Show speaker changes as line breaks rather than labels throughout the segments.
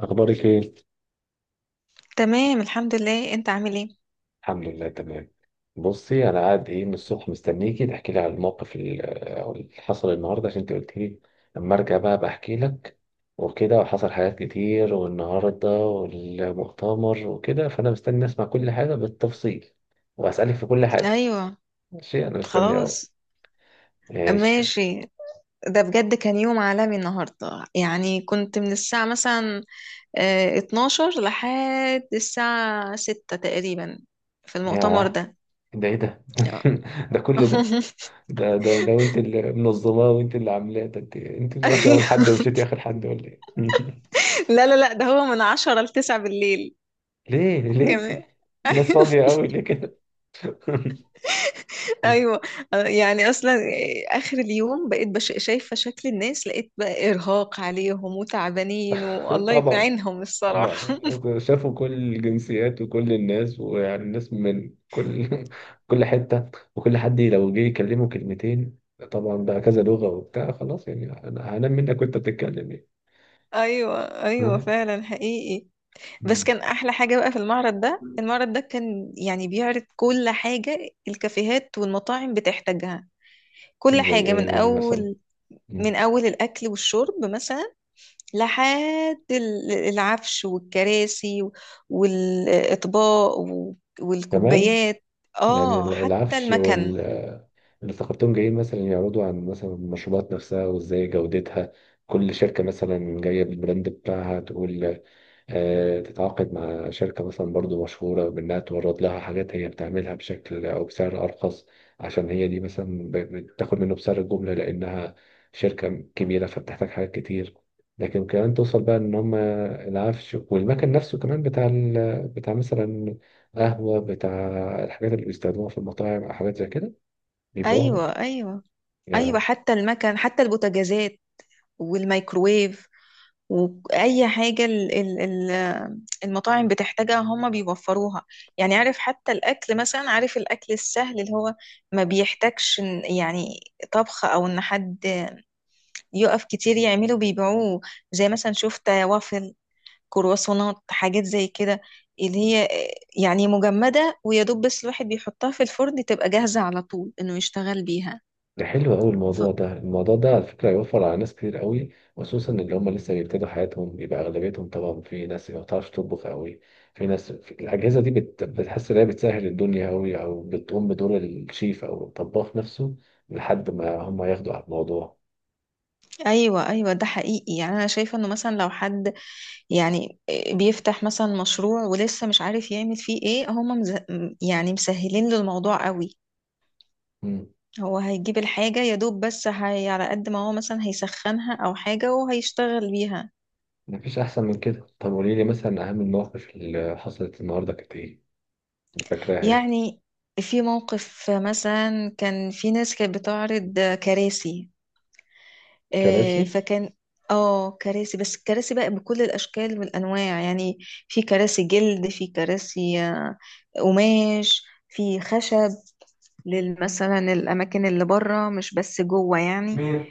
اخبارك ايه؟
تمام، الحمد لله. انت عامل ايه؟
الحمد لله تمام. بصي، انا قاعد ايه من الصبح مستنيكي تحكي لي على الموقف أو اللي حصل النهارده، عشان انت قلت لي اما ارجع بقى بحكي لك وكده، وحصل حاجات كتير والنهارده والمؤتمر وكده، فانا مستني اسمع كل حاجه بالتفصيل واسالك في كل حاجه.
ايوه.
ماشي، انا مستني اهو.
خلاص.
ماشي.
ماشي. ده بجد كان يوم عالمي النهارده. يعني كنت من الساعة مثلا 12 لحد الساعة 6 تقريبا في المؤتمر
ياه!
ده.
ده ايه ده؟
اه.
ده كل ده؟ ده وانت اللي منظماه وانت اللي عاملاه ده، انت اللي رحتي اول
ايوه.
حد ومشيتي اخر حد، ولا ايه؟
لا لا لا، ده هو من 10 ل 9 بالليل
ليه؟
كمان.
الناس فاضية قوي ليه كده؟
ايوه. يعني اصلا اخر اليوم بقيت شايفه شكل الناس، لقيت بقى ارهاق عليهم وتعبانين والله يكون
طبعا،
عينهم الصراحه.
ما أصل شافوا كل الجنسيات وكل الناس، ويعني الناس من كل كل حتة، وكل حد لو جه يكلمه كلمتين، طبعا بقى كذا لغة وبتاع، خلاص يعني أنا هنام منك وأنت بتتكلم يعني.
ايوه ايوه،
ها؟
فعلا حقيقي. بس
مم.
كان احلى حاجه بقى في المعرض ده. المعرض ده كان يعني بيعرض كل حاجه الكافيهات والمطاعم بتحتاجها، كل
زي
حاجه. من
إيه يعني مثلا؟
اول،
مم.
من اول الاكل والشرب مثلا، لحد العفش والكراسي والاطباق
كمان.
والكوبايات.
يعني
اه حتى
العفش
المكن.
اللي افتكرتهم جايين مثلا يعرضوا عن مثلا المشروبات نفسها وازاي جودتها، كل شركة مثلا جاية بالبراند بتاعها تقول، تتعاقد مع شركة مثلا برضو مشهورة بإنها تورد لها حاجات هي بتعملها بشكل أو بسعر أرخص، عشان هي دي مثلا بتاخد منه بسعر الجملة لأنها شركة كبيرة فبتحتاج حاجات كتير. لكن كمان توصل بقى إن هم العفش والمكان نفسه كمان، بتاع بتاع مثلا قهوة، بتاع الحاجات اللي بيستخدموها في المطاعم أو حاجات زي كده، بيبيعوها برضه.
ايوه ايوه. ايوه حتى المكن، حتى البوتاجازات والميكروويف، واي حاجه ال- المطاعم بتحتاجها هما بيوفروها. يعني عارف، حتى الاكل مثلا، عارف الاكل السهل اللي هو ما بيحتاجش يعني طبخ، او ان حد يقف كتير يعمله، بيبيعوه. زي مثلا شفت وافل، كرواسونات، حاجات زي كده اللي هي يعني مجمدة، ويا دوب بس الواحد بيحطها في الفرن تبقى جاهزة على طول انه يشتغل بيها.
ده حلو قوي
ف...
الموضوع ده. الموضوع ده على فكرة هيوفر على ناس كتير قوي، خصوصا اللي هم لسه بيبتدوا حياتهم، يبقى أغلبيتهم طبعا في ناس ما بتعرفش تطبخ قوي، في ناس في الأجهزة دي بتحس إن هي بتسهل الدنيا قوي، أو بتقوم بدور الشيف أو الطباخ نفسه لحد ما هم ياخدوا على الموضوع.
ايوه ايوه، ده حقيقي. يعني انا شايفه انه مثلا لو حد، يعني بيفتح مثلا مشروع ولسه مش عارف يعمل فيه ايه، هما يعني مسهلين له الموضوع قوي.
مم.
هو هيجيب الحاجة يا دوب، بس هي على قد ما هو مثلا هيسخنها أو حاجة وهيشتغل بيها.
مفيش أحسن من كده. طب قولي لي مثلا، أهم المواقف اللي حصلت النهاردة كانت إيه؟ اللي فاكراها يعني.
يعني في موقف مثلا كان في ناس كانت بتعرض كراسي،
كراسي؟
فكان، اه، كراسي بس الكراسي بقى بكل الاشكال والانواع يعني. في كراسي جلد، في كراسي قماش، في خشب، مثلا الاماكن اللي بره مش بس جوه يعني.
مين؟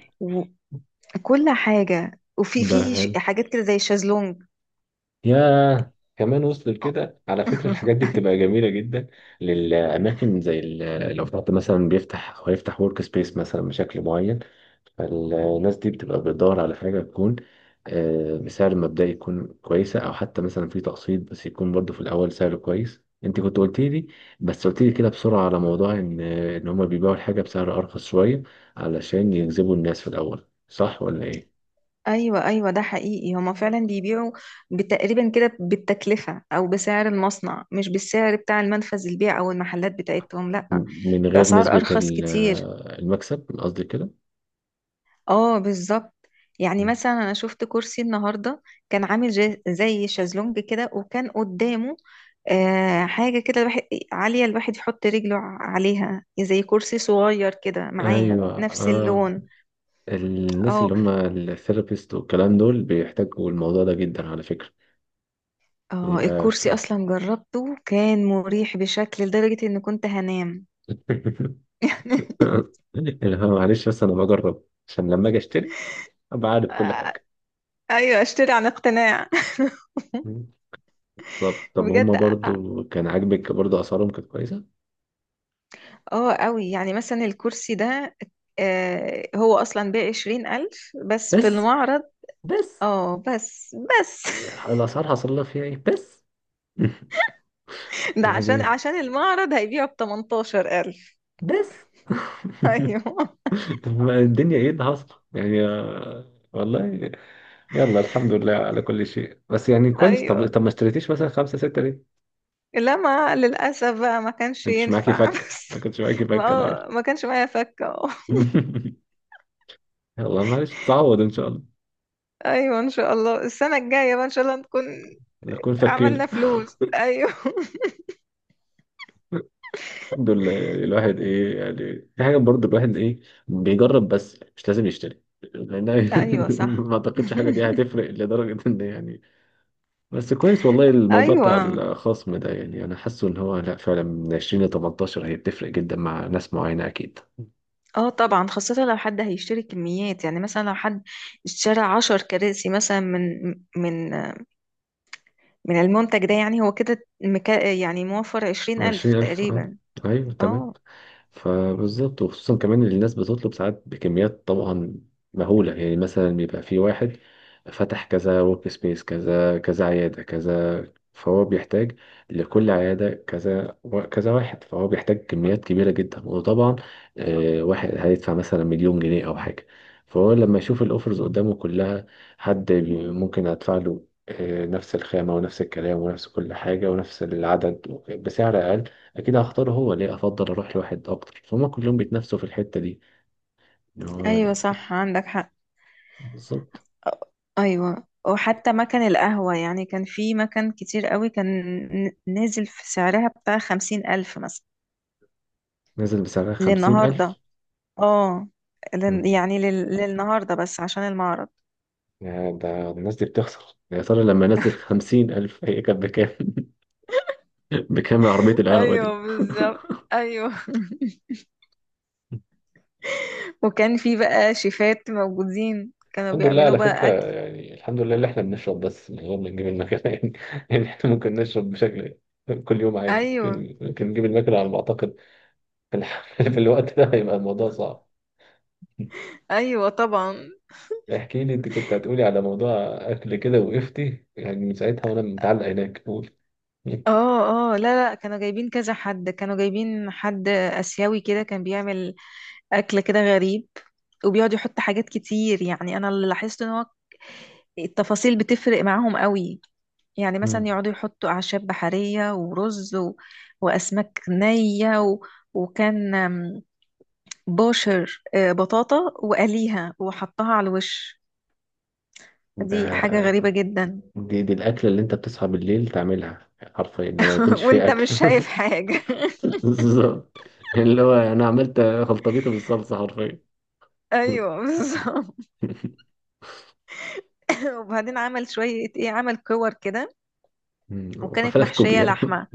وكل حاجه، وفي
ده
في
حلو.
حاجات كده زي الشازلونج.
يا كمان وصل
آه.
لكده؟ على فكرة الحاجات دي بتبقى جميلة جدا للأماكن، زي لو فتحت مثلا، بيفتح أو هيفتح ورك سبيس مثلا بشكل معين، فالناس دي بتبقى بتدور على حاجة تكون بسعر مبدئي يكون كويسة، أو حتى مثلا في تقسيط بس يكون برضه في الأول سعر كويس. أنت كنت قلت لي، بس قلت لي كده بسرعة، على موضوع إن هما بيبيعوا الحاجة بسعر أرخص شوية علشان يجذبوا الناس في الأول، صح ولا إيه؟
ايوه ايوه، ده حقيقي. هما فعلا بيبيعوا تقريبا كده بالتكلفه او بسعر المصنع، مش بالسعر بتاع المنفذ البيع او المحلات بتاعتهم، لا،
من غير
باسعار
نسبة
ارخص كتير.
المكسب، قصدي كده.
اه بالظبط. يعني مثلا انا شفت كرسي النهارده، كان عامل زي شازلونج كده، وكان قدامه حاجه كده، الواحد عاليه، الواحد يحط رجله عليها، زي كرسي صغير كده معاه
ايوه،
نفس
اه.
اللون.
الناس
اه
اللي هم الثيرابيست والكلام دول بيحتاجوا الموضوع ده جدا على فكره.
اه،
يبقى
الكرسي
في...
اصلا جربته كان مريح بشكل لدرجة ان كنت هنام. يعني
اللي هو معلش، بس انا بجرب عشان لما اجي اشتري ابقى عارف كل
آه،
حاجه.
ايوه، اشتري عن اقتناع.
طب هم
بجد
برضو كان عاجبك؟ برضو اسعارهم كانت كويسه؟
اه قوي. يعني مثلا الكرسي ده هو اصلا ب20 الف بس في
بس،
المعرض.
بس
اه بس بس.
الاسعار حصل لها فيها ايه بس؟
ده عشان
يعني،
عشان المعرض هيبيعه ب18 الف.
بس.
ايوه.
طب ما الدنيا، ايه اللي حصل يعني، والله. يلا الحمد لله على كل شيء، بس يعني كويس. طب
ايوه
طب ما اشتريتيش مثلا خمسة ستة ليه؟
لا، ما للاسف بقى ما كانش
ما كنتش معاكي
ينفع.
فك،
بس
ما كنتش معاكي فك، انا عارف.
ما كانش معايا فكه.
يلا معلش، تعوض ان شاء الله.
ايوه، ان شاء الله السنه الجايه بقى ان شاء الله نكون
نكون فكينا
عملنا فلوس. ايوه.
الحمد لله. يعني الواحد ايه يعني، في حاجة برضه الواحد ايه، بيجرب بس مش لازم يشتري، لان
ايوه صح.
ما اعتقدش حاجة دي هتفرق لدرجة ان، يعني. بس كويس والله. الموضوع
ايوه.
بتاع الخصم ده يعني انا حاسه ان هو، لا فعلا، من 20 ل 18 هي بتفرق جدا مع ناس معينة اكيد.
اه طبعا، خاصة لو حد هيشتري كميات. يعني مثلا لو حد اشترى 10 كراسي مثلا من من المنتج ده، يعني هو كده مكا، يعني موفر 20 ألف
عشرين ألف اه
تقريبا.
أيوه تمام.
اه.
فبالظبط، وخصوصا كمان إن الناس بتطلب ساعات بكميات طبعا مهولة، يعني مثلا بيبقى في واحد فتح كذا ورك سبيس، كذا كذا عيادة كذا، فهو بيحتاج لكل عيادة كذا كذا واحد، فهو بيحتاج كميات كبيرة جدا. وطبعا واحد هيدفع مثلا مليون جنيه أو حاجة، فهو لما يشوف الأوفرز قدامه كلها، حد ممكن أدفع له نفس الخامة ونفس الكلام ونفس كل حاجة ونفس العدد بسعر أقل، أكيد هختاره. هو ليه أفضل أروح لواحد أكتر فهم؟ كلهم بيتنافسوا في الحتة دي، إن هو
ايوه صح عندك حق.
بالظبط
ايوه، وحتى مكان القهوة يعني كان في مكان كتير قوي كان نازل في سعرها بتاع 50 ألف مثلا
نزل بسعرها خمسين
للنهاردة.
ألف
اه،
مم.
يعني للنهارده بس عشان المعرض.
يا، ده الناس دي بتخسر. يا ترى لما نزل 50,000، هي كانت بكام؟ بكام عربية القهوة دي؟
ايوه بالظبط. ايوه. وكان في بقى شيفات موجودين كانوا
الحمد لله
بيعملوا
على فكرة،
بقى اكل.
يعني الحمد لله اللي احنا بنشرب بس من غير ما نجيب المكنة. يعني احنا ممكن نشرب بشكل كل يوم عادي،
ايوه
ممكن نجيب المكنة على ما أعتقد. في الوقت ده هيبقى الموضوع صعب.
ايوه طبعا.
احكي لي، انت كنت هتقولي على موضوع اكل كده وقفتي، يعني من ساعتها وانا متعلق هناك، قول.
اه اه، لا لا، كانوا جايبين كذا حد، كانوا جايبين حد اسيوي كده كان بيعمل اكل كده غريب، وبيقعد يحط حاجات كتير. يعني انا اللي لاحظت ان هو التفاصيل بتفرق معاهم قوي. يعني
مم.
مثلا يقعدوا يحطوا أعشاب بحرية، ورز، وأسماك نية، وكان بوشر، بطاطا وقليها وحطها على الوش.
ده
دي حاجة غريبة جدا.
دي الأكلة اللي أنت بتصحى بالليل تعملها حرفيا لما يكونش فيه
وانت مش
أكل.
شايف حاجة.
بالظبط. يعني اللي هو، أنا عملت خلطبيطة بالصلصة حرفيا.
ايوه بالظبط. وبعدين عمل شوية ايه، عمل كور كده،
مم.
وكانت
وفلافل
محشية
كوبيا.
لحمة.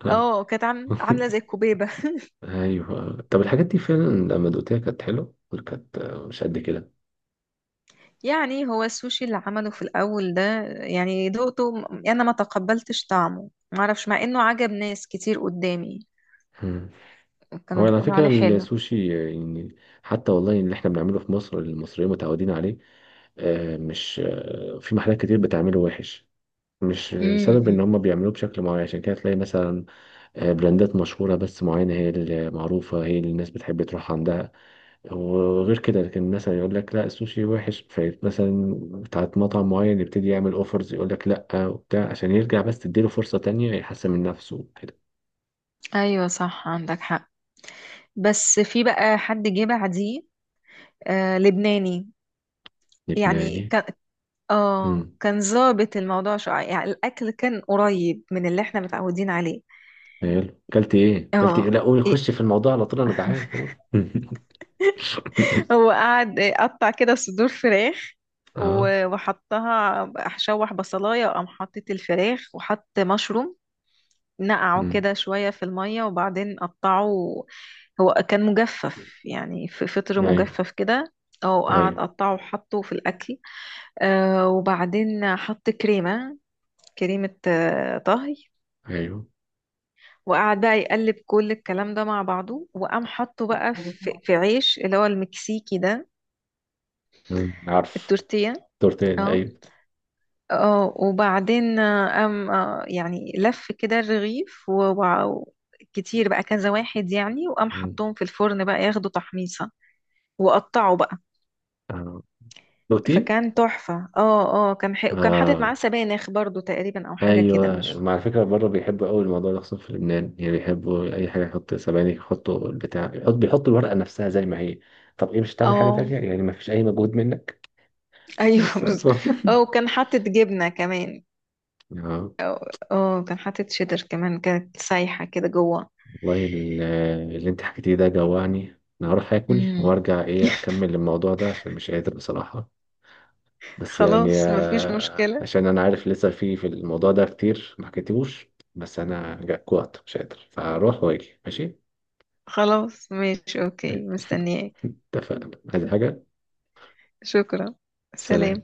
اه كانت عاملة زي الكوبيبة.
أيوه، طب الحاجات دي فعلا لما دقتها كانت حلوة ولا كانت مش قد
يعني هو السوشي اللي عمله في الأول ده، يعني دقته أنا ما تقبلتش طعمه معرفش، مع إنه عجب ناس كتير قدامي
كده؟
كانوا
هو على
بيقولوا
فكرة
عليه حلو.
السوشي يعني، حتى والله اللي احنا بنعمله في مصر المصريين متعودين عليه، مش في محلات كتير بتعمله وحش، مش بسبب ان
امم.
هم بيعملوه بشكل معين. عشان كده تلاقي مثلا براندات مشهورة بس معينة هي المعروفة، هي اللي الناس بتحب تروح عندها، وغير كده. لكن مثلا يقول لك لا السوشي وحش، فمثلا بتاعت مطعم معين يبتدي يعمل اوفرز، يقول لك لا وبتاع، عشان يرجع بس، تديله فرصة تانية يحسن من نفسه كده.
أيوة صح عندك حق. بس في بقى حد جه بعديه، لبناني. يعني
لبناني.
كان، اه، كان ظابط الموضوع شوية. يعني الأكل كان قريب من اللي احنا متعودين عليه.
حلو، كلت ايه؟ كلت ايه؟
اه
لا قول،
إيه.
خش في الموضوع على طول، انا جعان، قول.
هو قعد قطع كده صدور فراخ
اه.
وحطها شوح بصلايه، وقام حطيت الفراخ وحط مشروم نقعه
أمم.
كده شويه في الميه وبعدين قطعه. هو كان مجفف، يعني في فطر
ايوه،
مجفف كده، او قعد
ايوه،
قطعه وحطه في الاكل. وبعدين حط كريمه، كريمه طهي.
ايوه.
وقعد بقى يقلب كل الكلام ده مع بعضه، وقام حطه بقى في عيش اللي هو المكسيكي ده،
أمم. عارف.
التورتيه.
تورت ايه ده؟
اه
ايوه.
اه، وبعدين قام يعني لف كده الرغيف كتير بقى، كذا واحد يعني، وقام
أمم.
حطهم في الفرن بقى ياخدوا تحميصة، وقطعوا بقى.
آه. دوتي.
فكان تحفة. اه اه كان وكان حاطط معاه
اه،
سبانخ برضو تقريبا، او حاجة كده
ايوه.
مش.
ما على فكره، بره بيحبوا قوي الموضوع ده، خصوصا في لبنان يعني بيحبوا اي حاجه، يحط سبانخ، يحطوا البتاع، بيحطوا الورقه نفسها زي ما هي. طب، ايه مش هتعمل حاجه
اه
تانيه يعني؟ ما فيش اي مجهود منك.
ايوه.
بس.
اه وكان حاطط جبنة كمان.
اه،
اه كان حاطط شيدر كمان كانت سايحة كده جوه.
والله اللي انت حكيتيه ده جوعني. انا هروح اكل
مم.
وارجع، ايه، اكمل الموضوع ده، عشان مش قادر بصراحة. بس يعني
خلاص مفيش مشكلة.
عشان انا عارف لسه في الموضوع ده كتير ما حكيتهوش. بس انا جوعت مش قادر، فاروح واجي، ماشي؟
خلاص ماشي اوكي، مستنياك.
اتفقنا، عايز حاجة؟
شكرا.
سلام.
سلام.